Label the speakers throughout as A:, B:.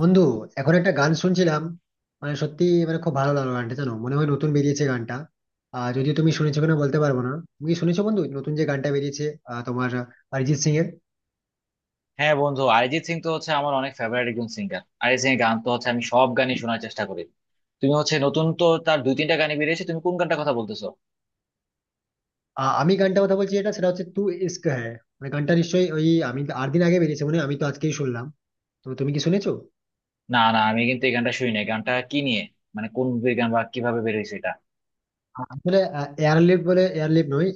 A: বন্ধু, এখন একটা গান শুনছিলাম। মানে সত্যি, মানে খুব ভালো লাগলো গানটা, জানো মনে হয় নতুন বেরিয়েছে গানটা। যদিও তুমি শুনেছো কিনা বলতে পারবো না। তুমি কি শুনেছো বন্ধু, নতুন যে গানটা বেরিয়েছে? তোমার অরিজিৎ সিং এর।
B: হ্যাঁ বন্ধু, অরিজিৎ সিং তো হচ্ছে আমার অনেক ফেভারিট একজন সিঙ্গার। অরিজিৎ সিং এর গান তো হচ্ছে আমি সব গানই শোনার চেষ্টা করি। তুমি হচ্ছে নতুন তো তার দুই তিনটা গানই বেরিয়েছে, তুমি কোন গানটার কথা বলতেছো?
A: আমি গানটা কথা বলছি, এটা সেটা হচ্ছে ইস্ক হ্যায়। মানে গানটা নিশ্চয়ই ওই আমি 8 দিন আগে বেরিয়েছে, মানে আমি তো আজকেই শুনলাম। তো তুমি কি শুনেছো?
B: না, না আমি কিন্তু এই গানটা শুনি নাই। গানটা কি নিয়ে, মানে কোন মুভির গান বা কিভাবে বেরিয়েছে এটা?
A: আসলে এয়ারলিফট বলে, এয়ারলিফট নয়,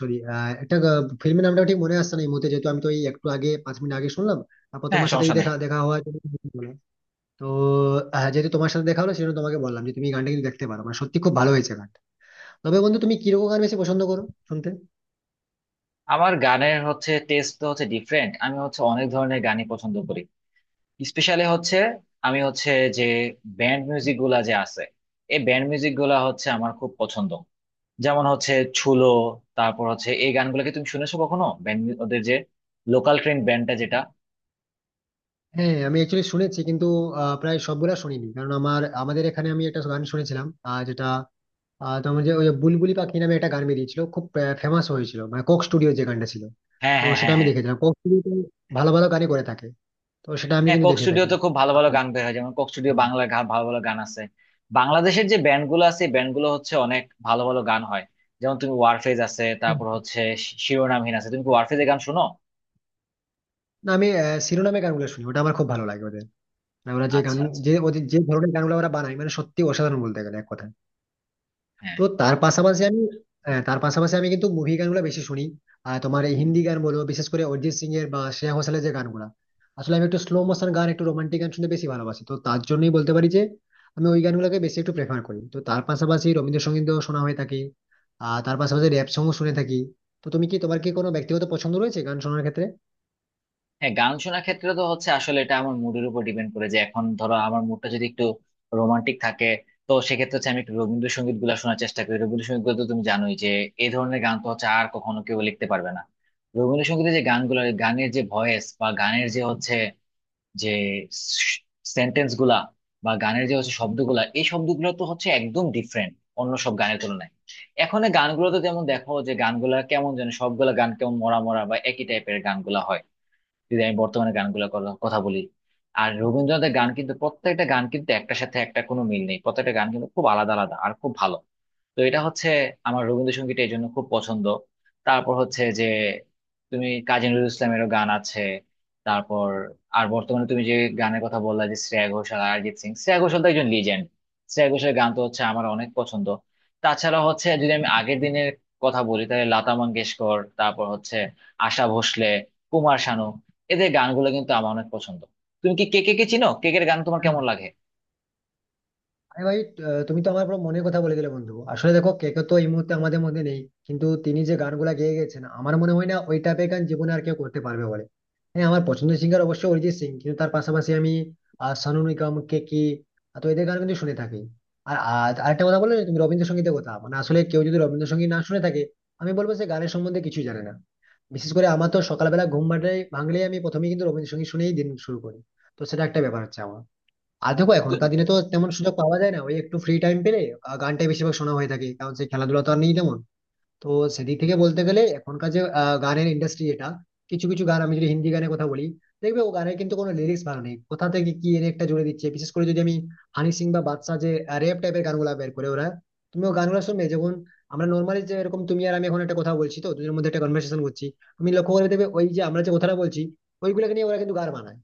A: সরি, একটা ফিল্মের নামটা ঠিক মনে আসছে না এই মুহূর্তে, যেহেতু আমি তো এই একটু আগে 5 মিনিট আগে শুনলাম। তারপর
B: হ্যাঁ,
A: তোমার সাথে এই
B: সমস্যা নাই।
A: দেখা দেখা হওয়া। তো যেহেতু তোমার সাথে দেখা হলো সেজন্য তোমাকে বললাম যে তুমি এই গানটা কিন্তু দেখতে পারো, মানে সত্যি খুব ভালো হয়েছে গান। তবে বন্ধু, তুমি কিরকম গান বেশি পছন্দ করো শুনতে?
B: আমার গানের হচ্ছে টেস্ট তো হচ্ছে ডিফারেন্ট, আমি হচ্ছে অনেক ধরনের গানই পছন্দ করি। স্পেশালি হচ্ছে, আমি হচ্ছে যে ব্যান্ড মিউজিক গুলা যে আছে, এই ব্যান্ড মিউজিক গুলা হচ্ছে আমার খুব পছন্দ। যেমন হচ্ছে ছুলো, তারপর হচ্ছে এই গানগুলো কি তুমি শুনেছো কখনো ব্যান্ড ওদের যে লোকাল ট্রেন ব্যান্ডটা, যেটা।
A: হ্যাঁ, আমি অ্যাকচুয়ালি শুনেছি, কিন্তু প্রায় সবগুলা শুনিনি। কারণ আমার আমাদের এখানে আমি একটা গান শুনেছিলাম, তোমার যে ওই বুলবুলি পাখি নামে একটা গান বেরিয়েছিল, খুব ফেমাস হয়েছিল, মানে কোক স্টুডিও যে গানটা ছিল।
B: হ্যাঁ,
A: তো
B: হ্যাঁ,
A: সেটা
B: হ্যাঁ,
A: আমি
B: হ্যাঁ।
A: দেখেছিলাম। কোক স্টুডিও ভালো ভালো গানই করে থাকে, তো সেটা আমি
B: হ্যাঁ,
A: কিন্তু
B: কোক
A: দেখে থাকি।
B: স্টুডিওতে খুব ভালো ভালো
A: আর-
B: গান বের হয়। যেমন কোক স্টুডিও বাংলা ভালো ভালো গান আছে। বাংলাদেশের যে ব্যান্ড গুলো আছে, ব্যান্ড গুলো হচ্ছে অনেক ভালো ভালো গান হয়। যেমন তুমি ওয়ারফেজ আছে, তারপর হচ্ছে শিরোনামহীন আছে। তুমি কি ওয়ারফেজের গান শোনো?
A: না, আমি শিরোনামে গানগুলো শুনি, ওটা আমার খুব ভালো লাগে ওদের। না, ওরা যে গান,
B: আচ্ছা, আচ্ছা।
A: যে ওদের যে ধরনের গানগুলো ওরা বানায়, মানে সত্যি অসাধারণ বলতে গেলে এক কথায়।
B: হ্যাঁ,
A: তো তার পাশাপাশি আমি, হ্যাঁ, তার পাশাপাশি আমি কিন্তু মুভি গানগুলো বেশি শুনি। আর তোমার এই হিন্দি গান বলো, বিশেষ করে অরিজিৎ সিং এর বা শ্রেয়া ঘোষালের যে গানগুলো। আসলে আমি একটু স্লো মোশন গান, একটু রোমান্টিক গান শুনতে বেশি ভালোবাসি, তো তার জন্যই বলতে পারি যে আমি ওই গানগুলোকে বেশি একটু প্রেফার করি। তো তার পাশাপাশি রবীন্দ্রসঙ্গীতও শোনা হয়ে থাকে, আর তার পাশাপাশি র‍্যাপ সংও শুনে থাকি। তো তুমি কি, তোমার কি কোনো ব্যক্তিগত পছন্দ রয়েছে গান শোনার ক্ষেত্রে?
B: হ্যাঁ, গান শোনার ক্ষেত্রে তো হচ্ছে আসলে এটা আমার মুডের উপর ডিপেন্ড করে। যে এখন ধরো আমার মুডটা যদি একটু রোমান্টিক থাকে, তো সেক্ষেত্রে হচ্ছে আমি একটু রবীন্দ্রসঙ্গীত গুলা শোনার চেষ্টা করি। রবীন্দ্রসঙ্গীত গুলো তো তুমি জানোই যে এই ধরনের গান তো হচ্ছে আর কখনো কেউ লিখতে পারবে না। রবীন্দ্রসঙ্গীতের যে গানগুলো, গানের যে ভয়েস বা গানের যে হচ্ছে, যে সেন্টেন্স গুলা বা গানের যে হচ্ছে শব্দগুলা, এই শব্দগুলো তো হচ্ছে একদম ডিফারেন্ট অন্য সব গানের তুলনায়। এখন এই গানগুলো তো যেমন দেখো যে গানগুলা কেমন যেন, সবগুলা গান কেমন মরা মরা বা একই টাইপের গানগুলা হয়, যদি আমি বর্তমানে গানগুলোর কথা বলি। আর রবীন্দ্রনাথের গান কিন্তু প্রত্যেকটা গান কিন্তু একটার সাথে একটা কোনো মিল নেই, প্রত্যেকটা গান কিন্তু খুব আলাদা আলাদা আর খুব ভালো। তো এটা হচ্ছে আমার রবীন্দ্রসঙ্গীত এই জন্য খুব পছন্দ। তারপর হচ্ছে যে তুমি কাজী নজরুল ইসলামেরও গান আছে। তারপর আর বর্তমানে তুমি যে গানের কথা বললা, যে শ্রেয়া ঘোষাল আর অরিজিৎ সিং, শ্রেয়া ঘোষাল তো একজন লিজেন্ড। শ্রেয়া ঘোষালের গান তো হচ্ছে আমার অনেক পছন্দ। তাছাড়া হচ্ছে যদি আমি আগের দিনের কথা বলি, তাহলে লতা মঙ্গেশকর, তারপর হচ্ছে আশা ভোসলে, কুমার শানু, এদের গানগুলো কিন্তু আমার অনেক পছন্দ। তুমি কি কে কে, কে চিনো কে কে? গান তোমার কেমন লাগে?
A: আরে ভাই, তুমি তো আমার পুরো মনের কথা বলে দিলে বন্ধু। আসলে দেখো কেকে তো এই মুহূর্তে আমাদের মধ্যে নেই, কিন্তু তিনি যে গানগুলা গেয়ে গেছেন আমার মনে হয় না ওই টাইপের গান জীবনে আর কেউ করতে পারবে বলে। হ্যাঁ, আমার পছন্দের সিঙ্গার অবশ্যই অরিজিৎ সিং, কিন্তু তার পাশাপাশি আমি সোনু নিগম, কেকি, তো এদের গান কিন্তু শুনে থাকি। আর আর আরেকটা কথা বললে না তুমি রবীন্দ্রসঙ্গীতের কথা, মানে আসলে কেউ যদি রবীন্দ্রসঙ্গীত না শুনে থাকে, আমি বলবো সে গানের সম্বন্ধে কিছুই জানে না। বিশেষ করে আমার তো সকালবেলা ঘুম ভাঙলেই আমি প্রথমেই কিন্তু রবীন্দ্রসঙ্গীত শুনেই দিন শুরু করি। তো সেটা একটা ব্যাপার হচ্ছে আমার। আর দেখো এখনকার
B: তু-
A: দিনে তো তেমন সুযোগ পাওয়া যায় না, ওই একটু ফ্রি টাইম পেলে গানটাই বেশিরভাগ শোনা হয়ে থাকে, কারণ সেই খেলাধুলা তো আর নেই তেমন। তো সেদিক থেকে বলতে গেলে এখনকার যে গানের ইন্ডাস্ট্রি, এটা কিছু কিছু গান আমি যদি হিন্দি গানের কথা বলি, দেখবে ও গানের কিন্তু কোনো লিরিক্স ভালো নেই, কোথা থেকে কি এনে একটা জুড়ে দিচ্ছে। বিশেষ করে যদি আমি হানি সিং বা বাদশা যে র্যাপ টাইপের গানগুলা বের করে ওরা, তুমি ও গানগুলো শুনবে যখন, আমরা নর্মালি যে এরকম তুমি আর আমি এখন একটা কথা বলছি, তো দুজনের মধ্যে একটা কনভার্সেশন করছি, তুমি লক্ষ্য করে দেখবে ওই যে আমরা যে কথাটা বলছি, ওইগুলোকে নিয়ে ওরা কিন্তু গান বানায়।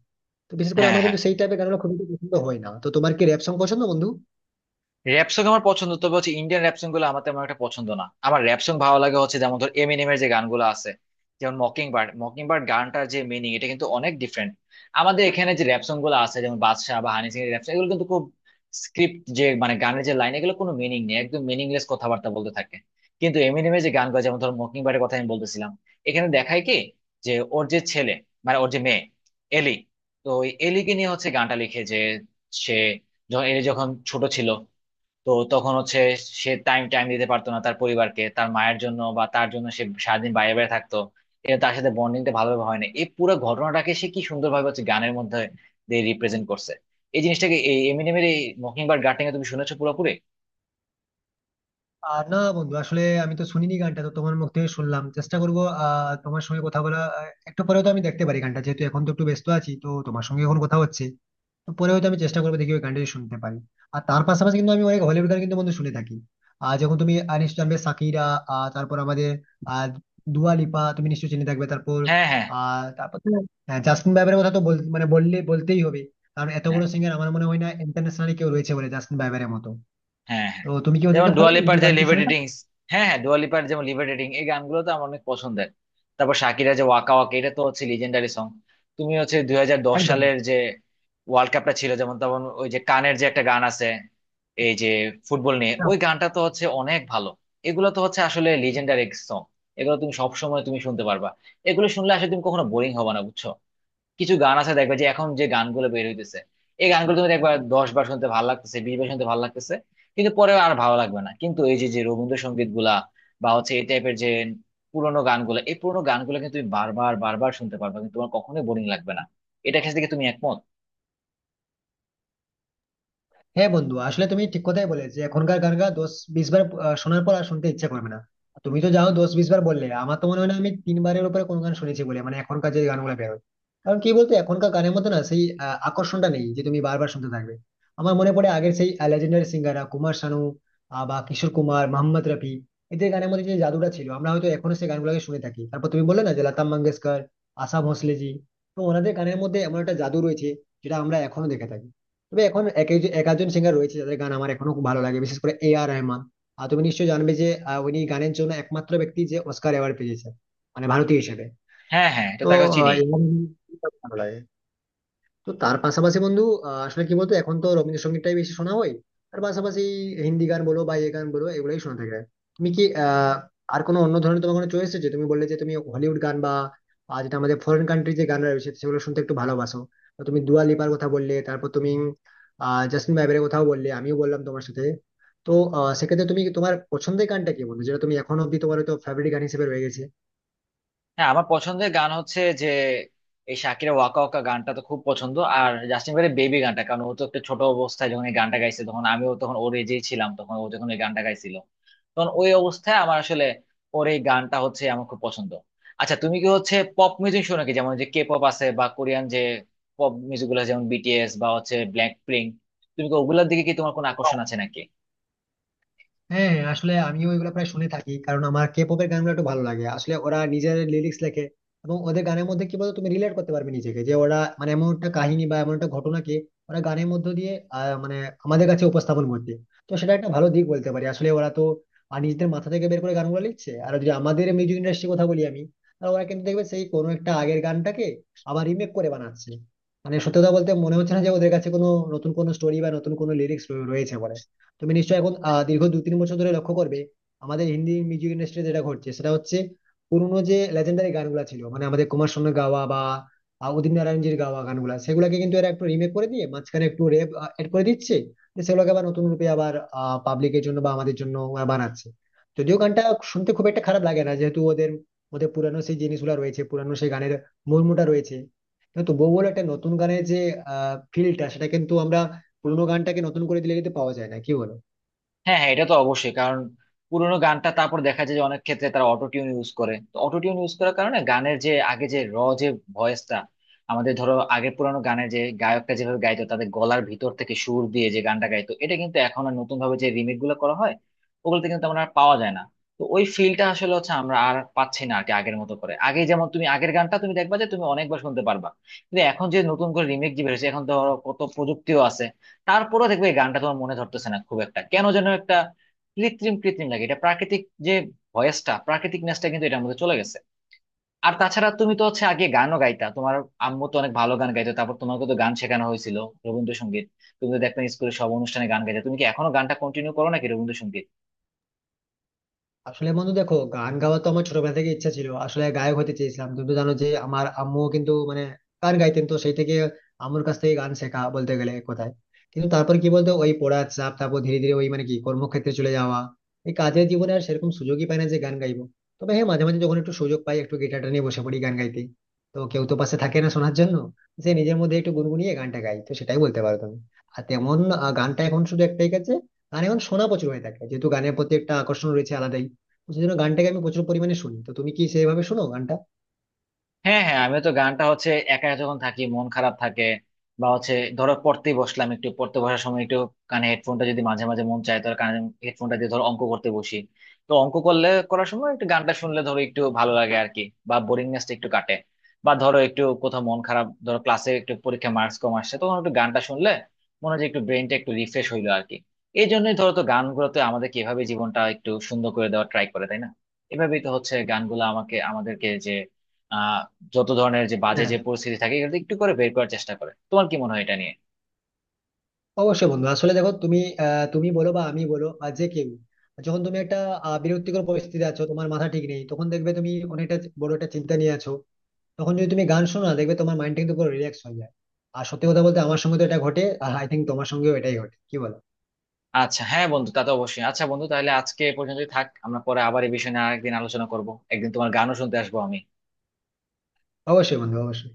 A: তো বিশেষ করে
B: হ্যাঁ,
A: আমার
B: হ্যাঁ,
A: কিন্তু সেই টাইপের গানগুলো খুব একটা পছন্দ হয় না। তো তোমার কি র্যাপ সং পছন্দ বন্ধু?
B: র্যাপ সং আমার পছন্দ। তবে হচ্ছে ইন্ডিয়ান র্যাপ সং গুলো আমার তেমন একটা পছন্দ না। আমার র্যাপ সং ভালো লাগে হচ্ছে, যেমন ধর এমিনেমের যে গানগুলো আছে, যেমন মকিং বার্ড, মকিং বার্ড গানটার যে মিনিং, এটা কিন্তু অনেক ডিফারেন্ট। আমাদের এখানে যে র্যাপ সং গুলো আছে যেমন বাদশা বা হানি সিং এর র্যাপ সং, এগুলো কিন্তু খুব স্ক্রিপ্ট, যে মানে গানের যে লাইন, এগুলো কোনো মিনিং নেই, একদম মিনিংলেস কথাবার্তা বলতে থাকে। কিন্তু এমিনেমের যে গানগুলো, যেমন ধর মকিং বার্ডের কথা আমি বলতেছিলাম, এখানে দেখায় কি যে ওর যে ছেলে, মানে ওর যে মেয়ে, এলি, তো ওই এলিকে নিয়ে হচ্ছে গানটা লিখে। যে সে যখন, এলি যখন ছোট ছিল, তো তখন হচ্ছে সে টাইম টাইম দিতে পারতো না তার পরিবারকে, তার মায়ের জন্য বা তার জন্য, সে সারাদিন বাইরে বাইরে থাকতো। এটা তার সাথে বন্ডিংটা ভালোভাবে হয় না। এই পুরো ঘটনাটাকে সে কি সুন্দরভাবে হচ্ছে গানের মধ্যে দিয়ে রিপ্রেজেন্ট করছে, এই জিনিসটাকে, এই এমিনেমের এই মকিংবার্ড গার্ডেনিং এ। তুমি শুনেছো পুরোপুরি?
A: আর না বন্ধু, আসলে আমি তো শুনিনি গানটা, তো তোমার মুখ থেকে শুনলাম, চেষ্টা করবো। তোমার সঙ্গে কথা বলা একটু পরেও তো আমি দেখতে পারি গানটা, যেহেতু এখন তো একটু ব্যস্ত আছি, তো তোমার সঙ্গে এখন কথা হচ্ছে। তো পরে হয়তো আমি চেষ্টা করবো দেখি ওই গানটা যদি শুনতে পারি। আর তার পাশাপাশি কিন্তু আমি অনেক হলিউড গান কিন্তু বন্ধু শুনে থাকি। আর যখন তুমি নিশ্চয়ই জানবে সাকিরা, আহ, তারপর আমাদের আহ দুয়া লিপা তুমি নিশ্চয়ই চিনে থাকবে। তারপর
B: হ্যাঁ, হ্যাঁ,
A: আহ তারপর তো হ্যাঁ, জাস্টিন বাইবারের কথা তো বল, মানে বললে বলতেই হবে, কারণ এত
B: হ্যাঁ,
A: বড় সিঙ্গার আমার মনে হয় না ইন্টারন্যাশনালি কেউ রয়েছে বলে জাস্টিন বাইবারের মতো।
B: হ্যাঁ, হ্যাঁ,
A: তো তুমি কি
B: যেমন
A: ওদেরকে ফলো,
B: ডুয়ালিপার যে
A: গান কি শুনে থাকো?
B: লিভারেটিংস। হ্যাঁ, হ্যাঁ, ডুয়ালিপার যেমন লিভারেটিং, এই গানগুলো তো আমার অনেক পছন্দের। তারপর শাকিরা যে ওয়াকা ওয়াকা, এটা তো হচ্ছে লিজেন্ডারি সং। তুমি হচ্ছে 2010
A: একদম।
B: সালের যে ওয়ার্ল্ড কাপটা ছিল, যেমন তখন ওই যে কানের যে একটা গান আছে, এই যে ফুটবল নিয়ে, ওই গানটা তো হচ্ছে অনেক ভালো। এগুলো তো হচ্ছে আসলে লিজেন্ডারি সং, এগুলো তুমি সব সময় তুমি শুনতে পারবা, এগুলো শুনলে আসলে তুমি কখনো বোরিং হবে না, বুঝছো? কিছু গান আছে দেখবে, যে এখন যে গানগুলো বের হইতেছে, এই গানগুলো তুমি দেখবে দশ বার শুনতে ভালো লাগতেছে, বিশ বার শুনতে ভালো লাগতেছে, কিন্তু পরে আর ভালো লাগবে না। কিন্তু এই যে, যে রবীন্দ্রসঙ্গীত গুলা বা হচ্ছে এই টাইপের যে পুরোনো গানগুলো, এই পুরোনো গানগুলো কিন্তু তুমি বারবার বারবার শুনতে পারবে, কিন্তু তোমার কখনোই বোরিং লাগবে না। এটা ক্ষেত্রে কি তুমি একমত?
A: হ্যাঁ বন্ধু, আসলে তুমি ঠিক কথাই বলে যে এখনকার গান গা 10-20 বার শোনার পর আর শুনতে ইচ্ছা করবে না। তুমি তো যাও 10-20 বার বললে, আমার তো মনে হয় না আমি 3 বারের উপরে কোনো গান শুনেছি বলে, মানে এখনকার যে গানগুলো বেরোয়। কারণ কি বলতো, এখনকার গানের মতো না সেই আকর্ষণটা নেই যে তুমি বারবার শুনতে থাকবে। আমার মনে পড়ে আগের সেই লেজেন্ডারি সিঙ্গাররা, কুমার শানু বা কিশোর কুমার, মোহাম্মদ রফি, এদের গানের মধ্যে যে জাদুটা ছিল, আমরা হয়তো এখনো সেই গানগুলোকে শুনে থাকি। তারপর তুমি বললে না যে লতা মঙ্গেশকর, আশা ভোঁসলেজি, তো ওনাদের গানের মধ্যে এমন একটা জাদু রয়েছে যেটা আমরা এখনো দেখে থাকি। তবে এখন এক আধজন সিঙ্গার রয়েছে যাদের গান আমার এখনো খুব ভালো লাগে, বিশেষ করে এ আর রহমান। আর তুমি নিশ্চয়ই জানবে যে উনি গানের জন্য একমাত্র ব্যক্তি যে অস্কার অ্যাওয়ার্ড পেয়েছে, মানে ভারতীয় হিসেবে।
B: হ্যাঁ, হ্যাঁ, এটা
A: তো
B: তাকে চিনি।
A: এ আর রহমান খুব ভালো লাগে। তো তার পাশাপাশি বন্ধু, আসলে কি বলতো, এখন তো রবীন্দ্রসঙ্গীতটাই বেশি শোনা হয়, তার পাশাপাশি হিন্দি গান বলো বা এই গান বলো, এগুলোই শোনা থাকে। তুমি কি আর কোনো অন্য ধরনের, তোমার কোনো চয়েস আছে? তুমি বললে যে তুমি হলিউড গান বা যেটা আমাদের ফরেন কান্ট্রি যে গান রয়েছে সেগুলো শুনতে একটু ভালোবাসো। তো তুমি দুয়া লিপার কথা বললে, তারপর তুমি জাস্টিন বাইবারের কথাও বললে, আমিও বললাম তোমার সাথে। তো সেক্ষেত্রে তুমি তোমার পছন্দের গানটা কি বলবো যেটা তুমি এখন অব্দি তোমার তো ফেভারিট গান হিসেবে রয়ে গেছে?
B: হ্যাঁ, আমার পছন্দের গান হচ্ছে যে এই শাকিরা ওয়াকা ওয়াকা গানটা তো খুব পছন্দ, আর জাস্টিন বিবারের বেবি গানটা। কারণ ও তো একটা ছোট অবস্থায় যখন এই গানটা গাইছে, তখন আমিও তখন ওর এজেই ছিলাম। তখন ও যখন এই গানটা গাইছিল, তখন ওই অবস্থায় আমার আসলে ওর এই গানটা হচ্ছে আমার খুব পছন্দ। আচ্ছা, তুমি কি হচ্ছে পপ মিউজিক শোনো কি, যেমন যে কে পপ আছে বা কোরিয়ান যে পপ মিউজিক গুলো আছে, যেমন বিটিএস বা হচ্ছে ব্ল্যাক পিঙ্ক? তুমি কি ওগুলোর দিকে কি তোমার কোনো আকর্ষণ আছে নাকি?
A: হ্যাঁ আসলে আমিও এগুলো প্রায় শুনে থাকি, কারণ আমার কে পপের গানগুলো একটু ভালো লাগে। আসলে ওরা নিজের লিরিক্স লেখে, এবং ওদের গানের মধ্যে কি বলতো তুমি রিলেট করতে পারবে নিজেকে, যে ওরা মানে এমন একটা কাহিনী বা এমন একটা ঘটনাকে ওরা গানের মধ্য দিয়ে মানে আমাদের কাছে উপস্থাপন করছে। তো সেটা একটা ভালো দিক বলতে পারি। আসলে ওরা তো নিজেদের মাথা থেকে বের করে গানগুলো লিখছে। আর যদি আমাদের মিউজিক ইন্ডাস্ট্রির কথা বলি আমি, তাহলে ওরা কিন্তু দেখবে সেই কোনো একটা আগের গানটাকে আবার রিমেক করে বানাচ্ছে। মানে সত্যি কথা বলতে মনে হচ্ছে না যে ওদের কাছে কোনো নতুন কোনো স্টোরি বা নতুন কোনো লিরিক্স রয়েছে বলে। তুমি নিশ্চয়ই এখন দীর্ঘ 2-3 বছর ধরে লক্ষ্য করবে আমাদের হিন্দি মিউজিক ইন্ডাস্ট্রি যেটা ঘটছে, সেটা হচ্ছে পুরোনো যে লেজেন্ডারি গানগুলো ছিল, মানে আমাদের কুমার শানুর গাওয়া বা উদিত নারায়ণজীর গাওয়া গানগুলা, সেগুলোকে কিন্তু এরা একটু রিমেক করে দিয়ে মাঝখানে একটু রেপ এড করে দিচ্ছে। তো সেগুলোকে আবার নতুন রূপে আবার পাবলিকের জন্য বা আমাদের জন্য ওরা বানাচ্ছে। যদিও গানটা শুনতে খুব একটা খারাপ লাগে না যেহেতু ওদের ওদের পুরানো সেই জিনিসগুলো রয়েছে, পুরানো সেই গানের মর্মটা রয়েছে। কিন্তু তবুও বলে একটা নতুন গানের যে ফিলটা, সেটা কিন্তু আমরা পুরোনো গানটাকে নতুন করে দিলে কিন্তু পাওয়া যায় না, কি বলো?
B: হ্যাঁ, হ্যাঁ, এটা তো অবশ্যই। কারণ পুরোনো গানটা তারপর দেখা যায় যে অনেক ক্ষেত্রে তারা অটো টিউন ইউজ করে। তো অটো টিউন ইউজ করার কারণে গানের যে আগে যে র যে ভয়েসটা, আমাদের ধরো আগের পুরোনো গানে যে গায়কটা যেভাবে গাইতো, তাদের গলার ভিতর থেকে সুর দিয়ে যে গানটা গাইতো, এটা কিন্তু এখন আর নতুন ভাবে যে রিমেক গুলো করা হয়, ওগুলোতে কিন্তু আমরা আর পাওয়া যায় না। তো ওই ফিলটা আসলে হচ্ছে আমরা আর পাচ্ছি না আর কি, আগের মতো করে। আগে যেমন তুমি আগের গানটা তুমি দেখবা যে তুমি অনেকবার শুনতে পারবা, কিন্তু এখন যে নতুন করে রিমেক যে বেরোছে, এখন ধরো কত প্রযুক্তিও আছে, তারপরেও দেখবে এই গানটা তোমার মনে ধরতেছে না খুব একটা, কেন যেন একটা কৃত্রিম কৃত্রিম লাগে। এটা প্রাকৃতিক, যে ভয়েসটা, প্রাকৃতিক নেসটা কিন্তু এটার মধ্যে চলে গেছে। আর তাছাড়া তুমি তো হচ্ছে আগে গানও গাইতা, তোমার আম্মু তো অনেক ভালো গান গাইতো, তারপর তোমাকে তো গান শেখানো হয়েছিল রবীন্দ্রসঙ্গীত। তুমি তো দেখতাম স্কুলে সব অনুষ্ঠানে গান গাইতে। তুমি কি এখনো গানটা কন্টিনিউ করো নাকি রবীন্দ্রসঙ্গীত?
A: আসলে বন্ধু দেখো, গান গাওয়া তো আমার ছোটবেলা থেকে ইচ্ছা ছিল, আসলে গায়ক হতে চেয়েছিলাম। তুমি তো জানো যে আমার আম্মু কিন্তু মানে গান গাইতেন, তো সেই থেকে আম্মুর কাছ থেকে গান শেখা বলতে গেলে কোথায়। কিন্তু তারপর কি বলতো ওই পড়ার চাপ, তারপর ধীরে ধীরে ওই মানে কি কর্মক্ষেত্রে চলে যাওয়া, এই কাজের জীবনে আর সেরকম সুযোগই পাই না যে গান গাইবো। তবে হ্যাঁ, মাঝে মাঝে যখন একটু সুযোগ পাই একটু গিটারটা নিয়ে বসে পড়ি গান গাইতে। তো কেউ তো পাশে থাকে না শোনার জন্য, যে নিজের মধ্যে একটু গুনগুনিয়ে গানটা গাই, তো সেটাই বলতে পারো তুমি। আর তেমন গানটা এখন শুধু একটাই কাছে। গান এখন শোনা প্রচুর হয়ে থাকে, যেহেতু গানের প্রতি একটা আকর্ষণ রয়েছে আলাদাই, সেজন্য গানটাকে আমি প্রচুর পরিমাণে শুনি। তো তুমি কি সেইভাবে শোনো গানটা?
B: হ্যাঁ, হ্যাঁ, আমি তো গানটা হচ্ছে একা যখন থাকি, মন খারাপ থাকে, বা হচ্ছে ধরো পড়তেই বসলাম, একটু পড়তে বসার সময় একটু কানে হেডফোনটা যদি, মাঝে মাঝে মন চায় ধর কানে হেডফোনটা দিয়ে ধরো অঙ্ক করতে বসি, তো অঙ্ক করলে করার সময় একটু গানটা শুনলে ধরো একটু ভালো লাগে আর কি, বা বোরিংনেসটা একটু কাটে। বা ধরো একটু কোথাও মন খারাপ, ধরো ক্লাসে একটু পরীক্ষা মার্কস কম আসছে, তখন একটু গানটা শুনলে মনে হয় যে একটু ব্রেনটা একটু রিফ্রেশ হইলো আর কি। এই জন্যই ধরো তো গানগুলোতে আমাদের কিভাবে জীবনটা একটু সুন্দর করে দেওয়ার ট্রাই করে, তাই না? এভাবেই তো হচ্ছে গানগুলো আমাকে, আমাদেরকে যে যত ধরনের যে বাজে
A: হ্যাঁ,
B: যে পরিস্থিতি থাকে, এগুলো একটু করে বের করার চেষ্টা করে। তোমার কি মনে হয় এটা নিয়ে?
A: অবশ্যই বন্ধু। আসলে দেখো, তুমি তুমি বলো বা আমি বলো বা যে কেউ, যখন তুমি একটা বিরক্তিকর পরিস্থিতিতে আছো, তোমার মাথা ঠিক নেই, তখন দেখবে তুমি অনেকটা বড় একটা চিন্তা নিয়ে আছো, তখন যদি তুমি গান শোনো না, দেখবে তোমার মাইন্ড কিন্তু পুরো রিল্যাক্স হয়ে যায়। আর সত্যি কথা বলতে আমার সঙ্গে তো এটা ঘটে, আই থিঙ্ক তোমার সঙ্গেও এটাই ঘটে, কি বলো?
B: আচ্ছা, হ্যাঁ বন্ধু, তা তো অবশ্যই। আচ্ছা বন্ধু, তাহলে আজকে এ পর্যন্তই থাক, আমরা পরে আবার এই বিষয় নিয়ে আরেকদিন আলোচনা করব। একদিন তোমার গানও শুনতে আসবো আমি।
A: অবশ্যই বন্ধু, অবশ্যই।